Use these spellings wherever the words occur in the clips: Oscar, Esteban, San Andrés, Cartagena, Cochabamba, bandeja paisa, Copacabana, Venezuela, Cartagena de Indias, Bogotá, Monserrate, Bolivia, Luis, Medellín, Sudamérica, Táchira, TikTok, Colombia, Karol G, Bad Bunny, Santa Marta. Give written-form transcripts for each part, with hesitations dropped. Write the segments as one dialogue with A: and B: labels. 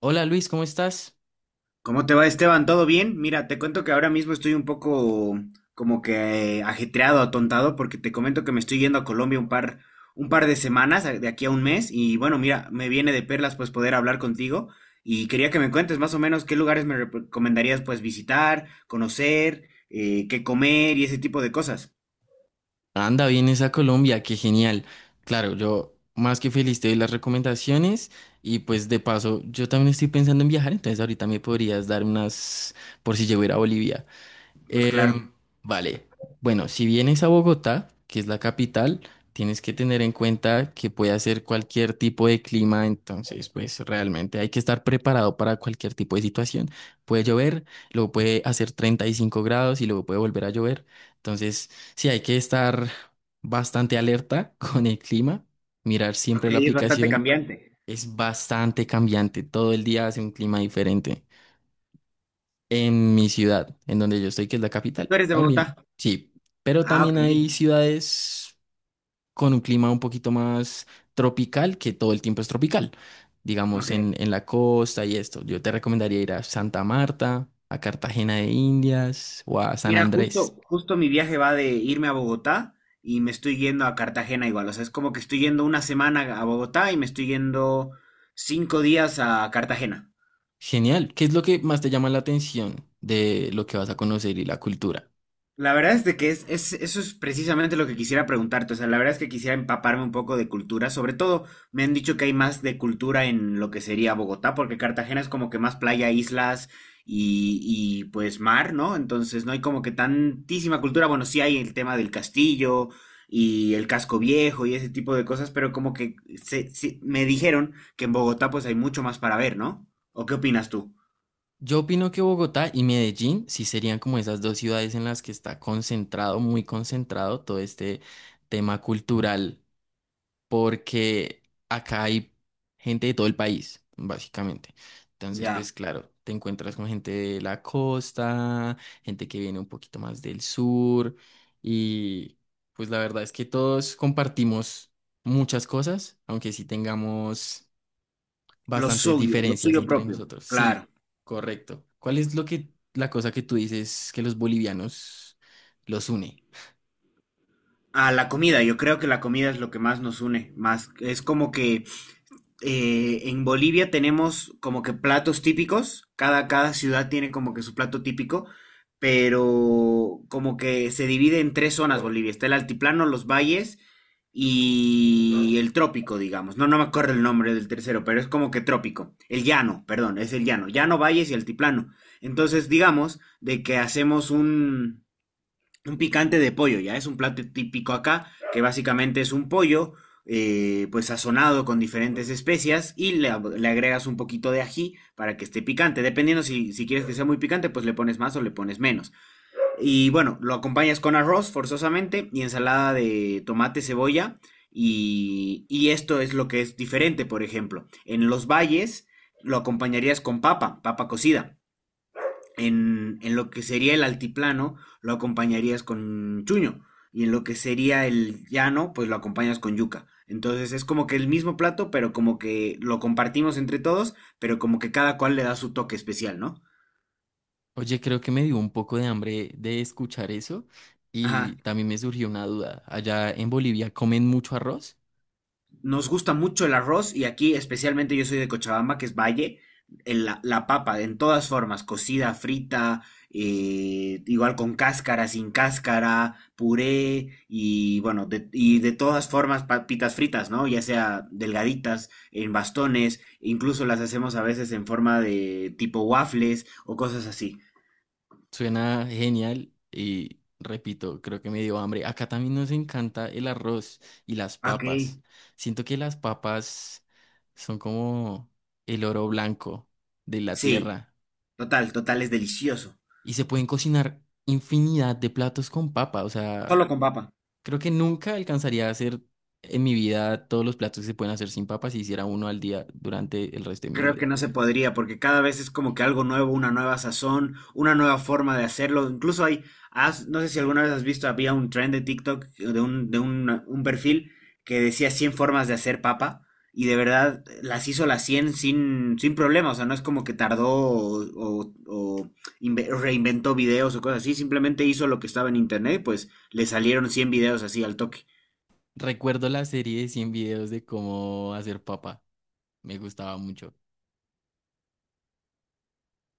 A: Hola Luis, ¿cómo estás?
B: ¿Cómo te va, Esteban? ¿Todo bien? Mira, te cuento que ahora mismo estoy un poco como que ajetreado, atontado, porque te comento que me estoy yendo a Colombia un par de semanas, de aquí a un mes, y bueno, mira, me viene de perlas pues poder hablar contigo y quería que me cuentes más o menos qué lugares me recomendarías pues visitar, conocer, qué comer y ese tipo de cosas.
A: Anda, vienes a Colombia, qué genial. Claro, yo más que feliz te doy las recomendaciones y pues de paso yo también estoy pensando en viajar, entonces ahorita me podrías dar unas por si llego a ir a Bolivia.
B: Pues claro.
A: Em, vale, bueno, si vienes a Bogotá, que es la capital, tienes que tener en cuenta que puede hacer cualquier tipo de clima, entonces pues realmente hay que estar preparado para cualquier tipo de situación. Puede llover, luego puede hacer 35 grados y luego puede volver a llover, entonces sí hay que estar bastante alerta con el clima, mirar siempre
B: Ok,
A: la
B: es bastante
A: aplicación,
B: cambiante.
A: es bastante cambiante, todo el día hace un clima diferente. En mi ciudad, en donde yo estoy, que es la
B: ¿Tú
A: capital,
B: eres de Bogotá?
A: también, sí. Pero
B: Ah,
A: también
B: ok,
A: hay ciudades con un clima un poquito más tropical, que todo el tiempo es tropical. Digamos,
B: ok.
A: en la costa y esto. Yo te recomendaría ir a Santa Marta, a Cartagena de Indias o a San
B: Mira,
A: Andrés.
B: justo mi viaje va de irme a Bogotá y me estoy yendo a Cartagena igual. O sea, es como que estoy yendo una semana a Bogotá y me estoy yendo cinco días a Cartagena.
A: Genial. ¿Qué es lo que más te llama la atención de lo que vas a conocer y la cultura?
B: La verdad es de que eso es precisamente lo que quisiera preguntarte. O sea, la verdad es que quisiera empaparme un poco de cultura. Sobre todo, me han dicho que hay más de cultura en lo que sería Bogotá, porque Cartagena es como que más playa, islas pues mar, ¿no? Entonces no hay como que tantísima cultura. Bueno, sí hay el tema del castillo y el casco viejo y ese tipo de cosas, pero como que sí, me dijeron que en Bogotá pues hay mucho más para ver, ¿no? ¿O qué opinas tú?
A: Yo opino que Bogotá y Medellín sí serían como esas dos ciudades en las que está concentrado, muy concentrado todo este tema cultural, porque acá hay gente de todo el país, básicamente. Entonces,
B: Ya,
A: pues claro, te encuentras con gente de la costa, gente que viene un poquito más del sur, y pues la verdad es que todos compartimos muchas cosas, aunque sí tengamos bastantes
B: lo
A: diferencias
B: suyo
A: entre
B: propio.
A: nosotros.
B: Claro.
A: Sí, correcto. ¿Cuál es la cosa que tú dices que los bolivianos los une?
B: A la comida, yo creo que la comida es lo que más nos une, más es como que en Bolivia tenemos como que platos típicos, cada ciudad tiene como que su plato típico, pero como que se divide en tres zonas Bolivia, está el altiplano, los valles y el trópico, digamos. No me acuerdo el nombre del tercero, pero es como que trópico, el llano, perdón, es el llano, llano, valles y altiplano. Entonces, digamos de que hacemos un picante de pollo, ya es un plato típico acá, que básicamente es un pollo, pues sazonado con diferentes especias y le agregas un poquito de ají para que esté picante. Dependiendo si quieres que sea muy picante, pues le pones más o le pones menos. Y bueno, lo acompañas con arroz forzosamente y ensalada de tomate, cebolla. Y esto es lo que es diferente, por ejemplo. En los valles lo acompañarías con papa, papa cocida en lo que sería el altiplano, lo acompañarías con chuño. Y en lo que sería el llano, pues lo acompañas con yuca. Entonces es como que el mismo plato, pero como que lo compartimos entre todos, pero como que cada cual le da su toque especial, ¿no?
A: Oye, creo que me dio un poco de hambre de escuchar eso y
B: Ajá.
A: también me surgió una duda. Allá en Bolivia comen mucho arroz.
B: Nos gusta mucho el arroz y aquí especialmente yo soy de Cochabamba, que es Valle, la papa en todas formas, cocida, frita, igual con cáscara, sin cáscara, puré y bueno, de todas formas papitas fritas, ¿no? Ya sea delgaditas, en bastones, incluso las hacemos a veces en forma de tipo waffles o cosas así.
A: Suena genial y repito, creo que me dio hambre. Acá también nos encanta el arroz y las
B: Ok.
A: papas. Siento que las papas son como el oro blanco de la
B: Sí,
A: tierra.
B: total, total, es delicioso.
A: Y se pueden cocinar infinidad de platos con papa. O sea,
B: Solo con papa.
A: creo que nunca alcanzaría a hacer en mi vida todos los platos que se pueden hacer sin papa si hiciera uno al día durante el resto de mi
B: Creo que
A: vida.
B: no se podría, porque cada vez es como que algo nuevo, una nueva sazón, una nueva forma de hacerlo. Incluso no sé si alguna vez has visto, había un trend de TikTok, un perfil que decía 100 formas de hacer papa, y de verdad las hizo las 100 sin, sin problema. O sea, no es como que tardó o inve- reinventó videos o cosas así, simplemente hizo lo que estaba en internet, pues le salieron 100 videos así al toque.
A: Recuerdo la serie de 100 videos de cómo hacer papa. Me gustaba mucho.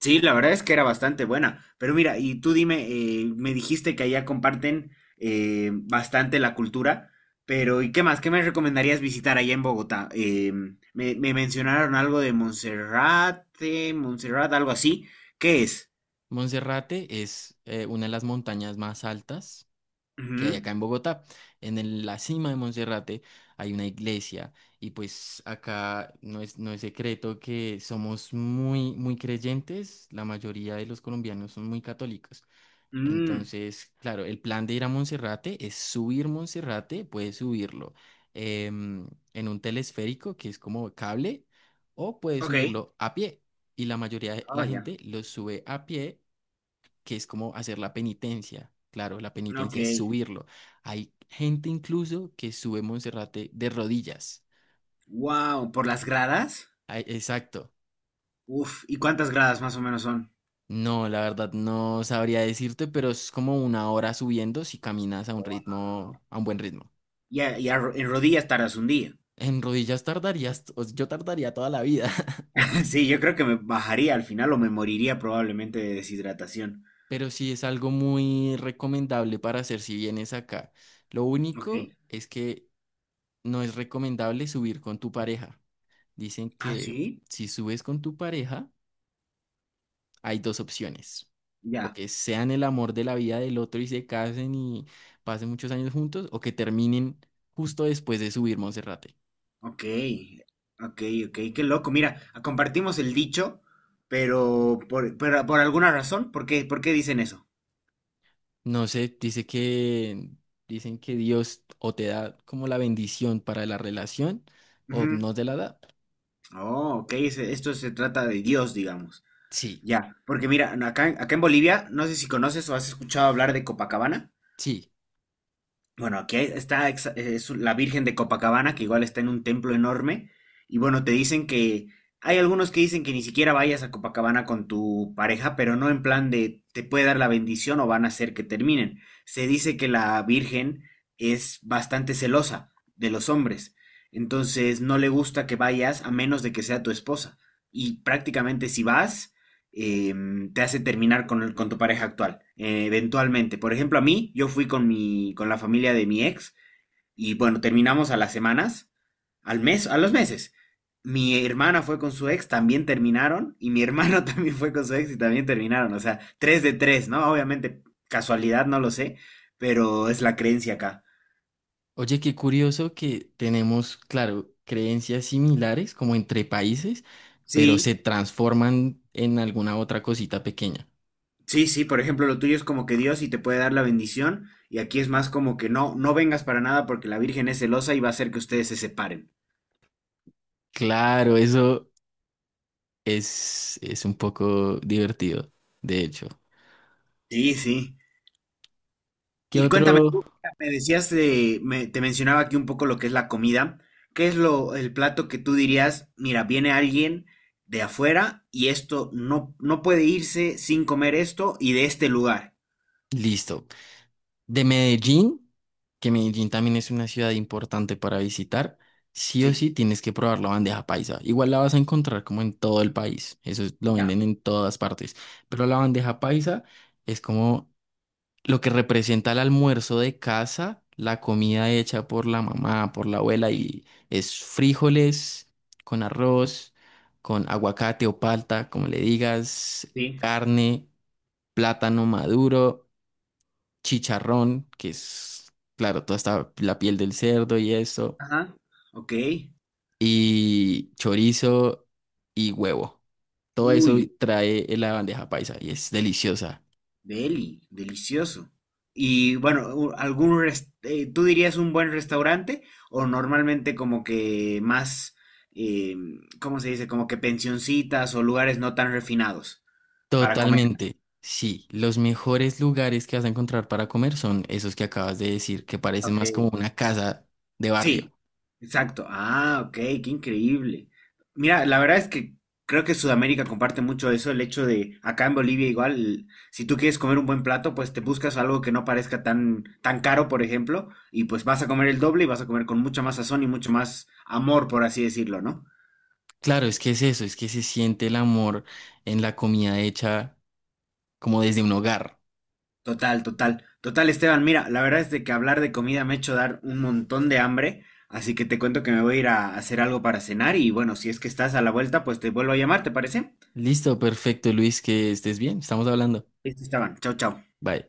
B: Sí, la verdad es que era bastante buena. Pero mira, y tú dime, me dijiste que allá comparten bastante la cultura, pero ¿y qué más? ¿Qué me recomendarías visitar allá en Bogotá? Me mencionaron algo de Monserrate, Monserrate, algo así. ¿Qué es?
A: Monserrate es una de las montañas más altas que hay
B: Ujú.
A: acá en Bogotá. En la cima de Monserrate hay una iglesia y pues acá no es secreto que somos muy, muy creyentes, la mayoría de los colombianos son muy católicos.
B: Mm,
A: Entonces, claro, el plan de ir a Monserrate es subir Monserrate, puedes subirlo em, en un telesférico que es como cable o puedes
B: ok.
A: subirlo a pie. Y la mayoría de
B: Oh,
A: la
B: ya.
A: gente lo sube a pie, que es como hacer la penitencia. Claro, la
B: Ok.
A: penitencia es subirlo. Hay gente incluso que sube Monserrate de rodillas.
B: Wow, ¿por las gradas?
A: Ay, exacto.
B: Uf, ¿y cuántas gradas más o menos son?
A: No, la verdad no sabría decirte, pero es como una hora subiendo si caminas a un ritmo, a un buen ritmo.
B: Ya, en rodillas tardas un día.
A: En rodillas tardarías, o yo tardaría toda la vida,
B: Sí, yo creo que me bajaría al final o me moriría probablemente de deshidratación.
A: pero sí es algo muy recomendable para hacer si vienes acá. Lo
B: Ok.
A: único es que no es recomendable subir con tu pareja. Dicen
B: Ah,
A: que
B: sí.
A: si subes con tu pareja, hay dos opciones. O
B: Ya.
A: que sean el amor de la vida del otro y se casen y pasen muchos años juntos, o que terminen justo después de subir Monserrate.
B: Ok. Ok, ok. Qué loco. Mira, compartimos el dicho, pero pero por alguna razón, por qué dicen eso?
A: No sé, dicen que Dios o te da como la bendición para la relación o
B: Ujú.
A: no te la da.
B: Oh, ok. Esto se trata de Dios, digamos.
A: Sí,
B: Ya. Porque mira, acá en Bolivia, no sé si conoces o has escuchado hablar de Copacabana.
A: sí.
B: Bueno, aquí hay- está exa- es la Virgen de Copacabana, que igual está en un templo enorme. Y bueno, te dicen que hay algunos que dicen que ni siquiera vayas a Copacabana con tu pareja, pero no en plan de te puede dar la bendición o van a hacer que terminen. Se dice que la Virgen es bastante celosa de los hombres. Entonces no le gusta que vayas a menos de que sea tu esposa. Y prácticamente si vas, eh, te hace terminar con tu pareja actual, eventualmente. Por ejemplo, a mí, yo fui con la familia de mi ex y bueno, terminamos a las semanas, al mes, a los meses. Mi hermana fue con su ex, también terminaron, y mi hermano también fue con su ex y también terminaron. O sea, tres de tres, ¿no? Obviamente, casualidad, no lo sé, pero es la creencia acá.
A: Oye, qué curioso que tenemos, claro, creencias similares como entre países, pero se
B: Sí,
A: transforman en alguna otra cosita pequeña.
B: sí, sí, por ejemplo, lo tuyo es como que Dios y te puede dar la bendición, y aquí es más como que no, no vengas para nada porque la Virgen es celosa y va a hacer que ustedes se separen.
A: Claro, eso es un poco divertido, de hecho.
B: Sí, sí.
A: ¿Qué
B: Y cuéntame,
A: otro?
B: me decías, de- me- te mencionaba aquí un poco lo que es la comida. ¿Qué es el plato que tú dirías, mira, viene alguien de afuera y esto no, no puede irse sin comer esto y de este lugar?
A: Listo. De Medellín, que Medellín también es una ciudad importante para visitar, sí o
B: Sí.
A: sí tienes que probar la bandeja paisa. Igual la vas a encontrar como en todo el país, lo
B: Ya,
A: venden en todas partes, pero la bandeja paisa es como lo que representa el almuerzo de casa, la comida hecha por la mamá, por la abuela, y es frijoles con arroz, con aguacate o palta, como le digas,
B: sí.
A: carne, plátano maduro, chicharrón, que es, claro, toda esta, la piel del cerdo y eso,
B: Ajá. Ok.
A: y chorizo y huevo. Todo eso
B: Uy,
A: trae en la bandeja paisa y es deliciosa.
B: Deli, delicioso. Y bueno, ¿tú dirías un buen restaurante o normalmente como que más, eh, ¿cómo se dice? Como que pensioncitas o lugares no tan refinados para comer.
A: Totalmente. Sí, los mejores lugares que vas a encontrar para comer son esos que acabas de decir, que parecen
B: Ok.
A: más como una casa de barrio.
B: Sí. Exacto. Ah, ok, qué increíble. Mira, la verdad es que creo que Sudamérica comparte mucho eso, el hecho de acá en Bolivia igual, si tú quieres comer un buen plato, pues te buscas algo que no parezca tan tan caro, por ejemplo, y pues vas a comer el doble y vas a comer con mucha más sazón y mucho más amor, por así decirlo, ¿no?
A: Claro, es que es eso, es que se siente el amor en la comida hecha como desde un hogar.
B: Total, total. Total, Esteban, mira, la verdad es de que hablar de comida me ha hecho dar un montón de hambre, así que te cuento que me voy a ir a hacer algo para cenar y bueno, si es que estás a la vuelta, pues te vuelvo a llamar, ¿te parece?
A: Listo, perfecto, Luis, que estés bien. Estamos hablando.
B: Listo, Esteban. Chao, chao.
A: Bye.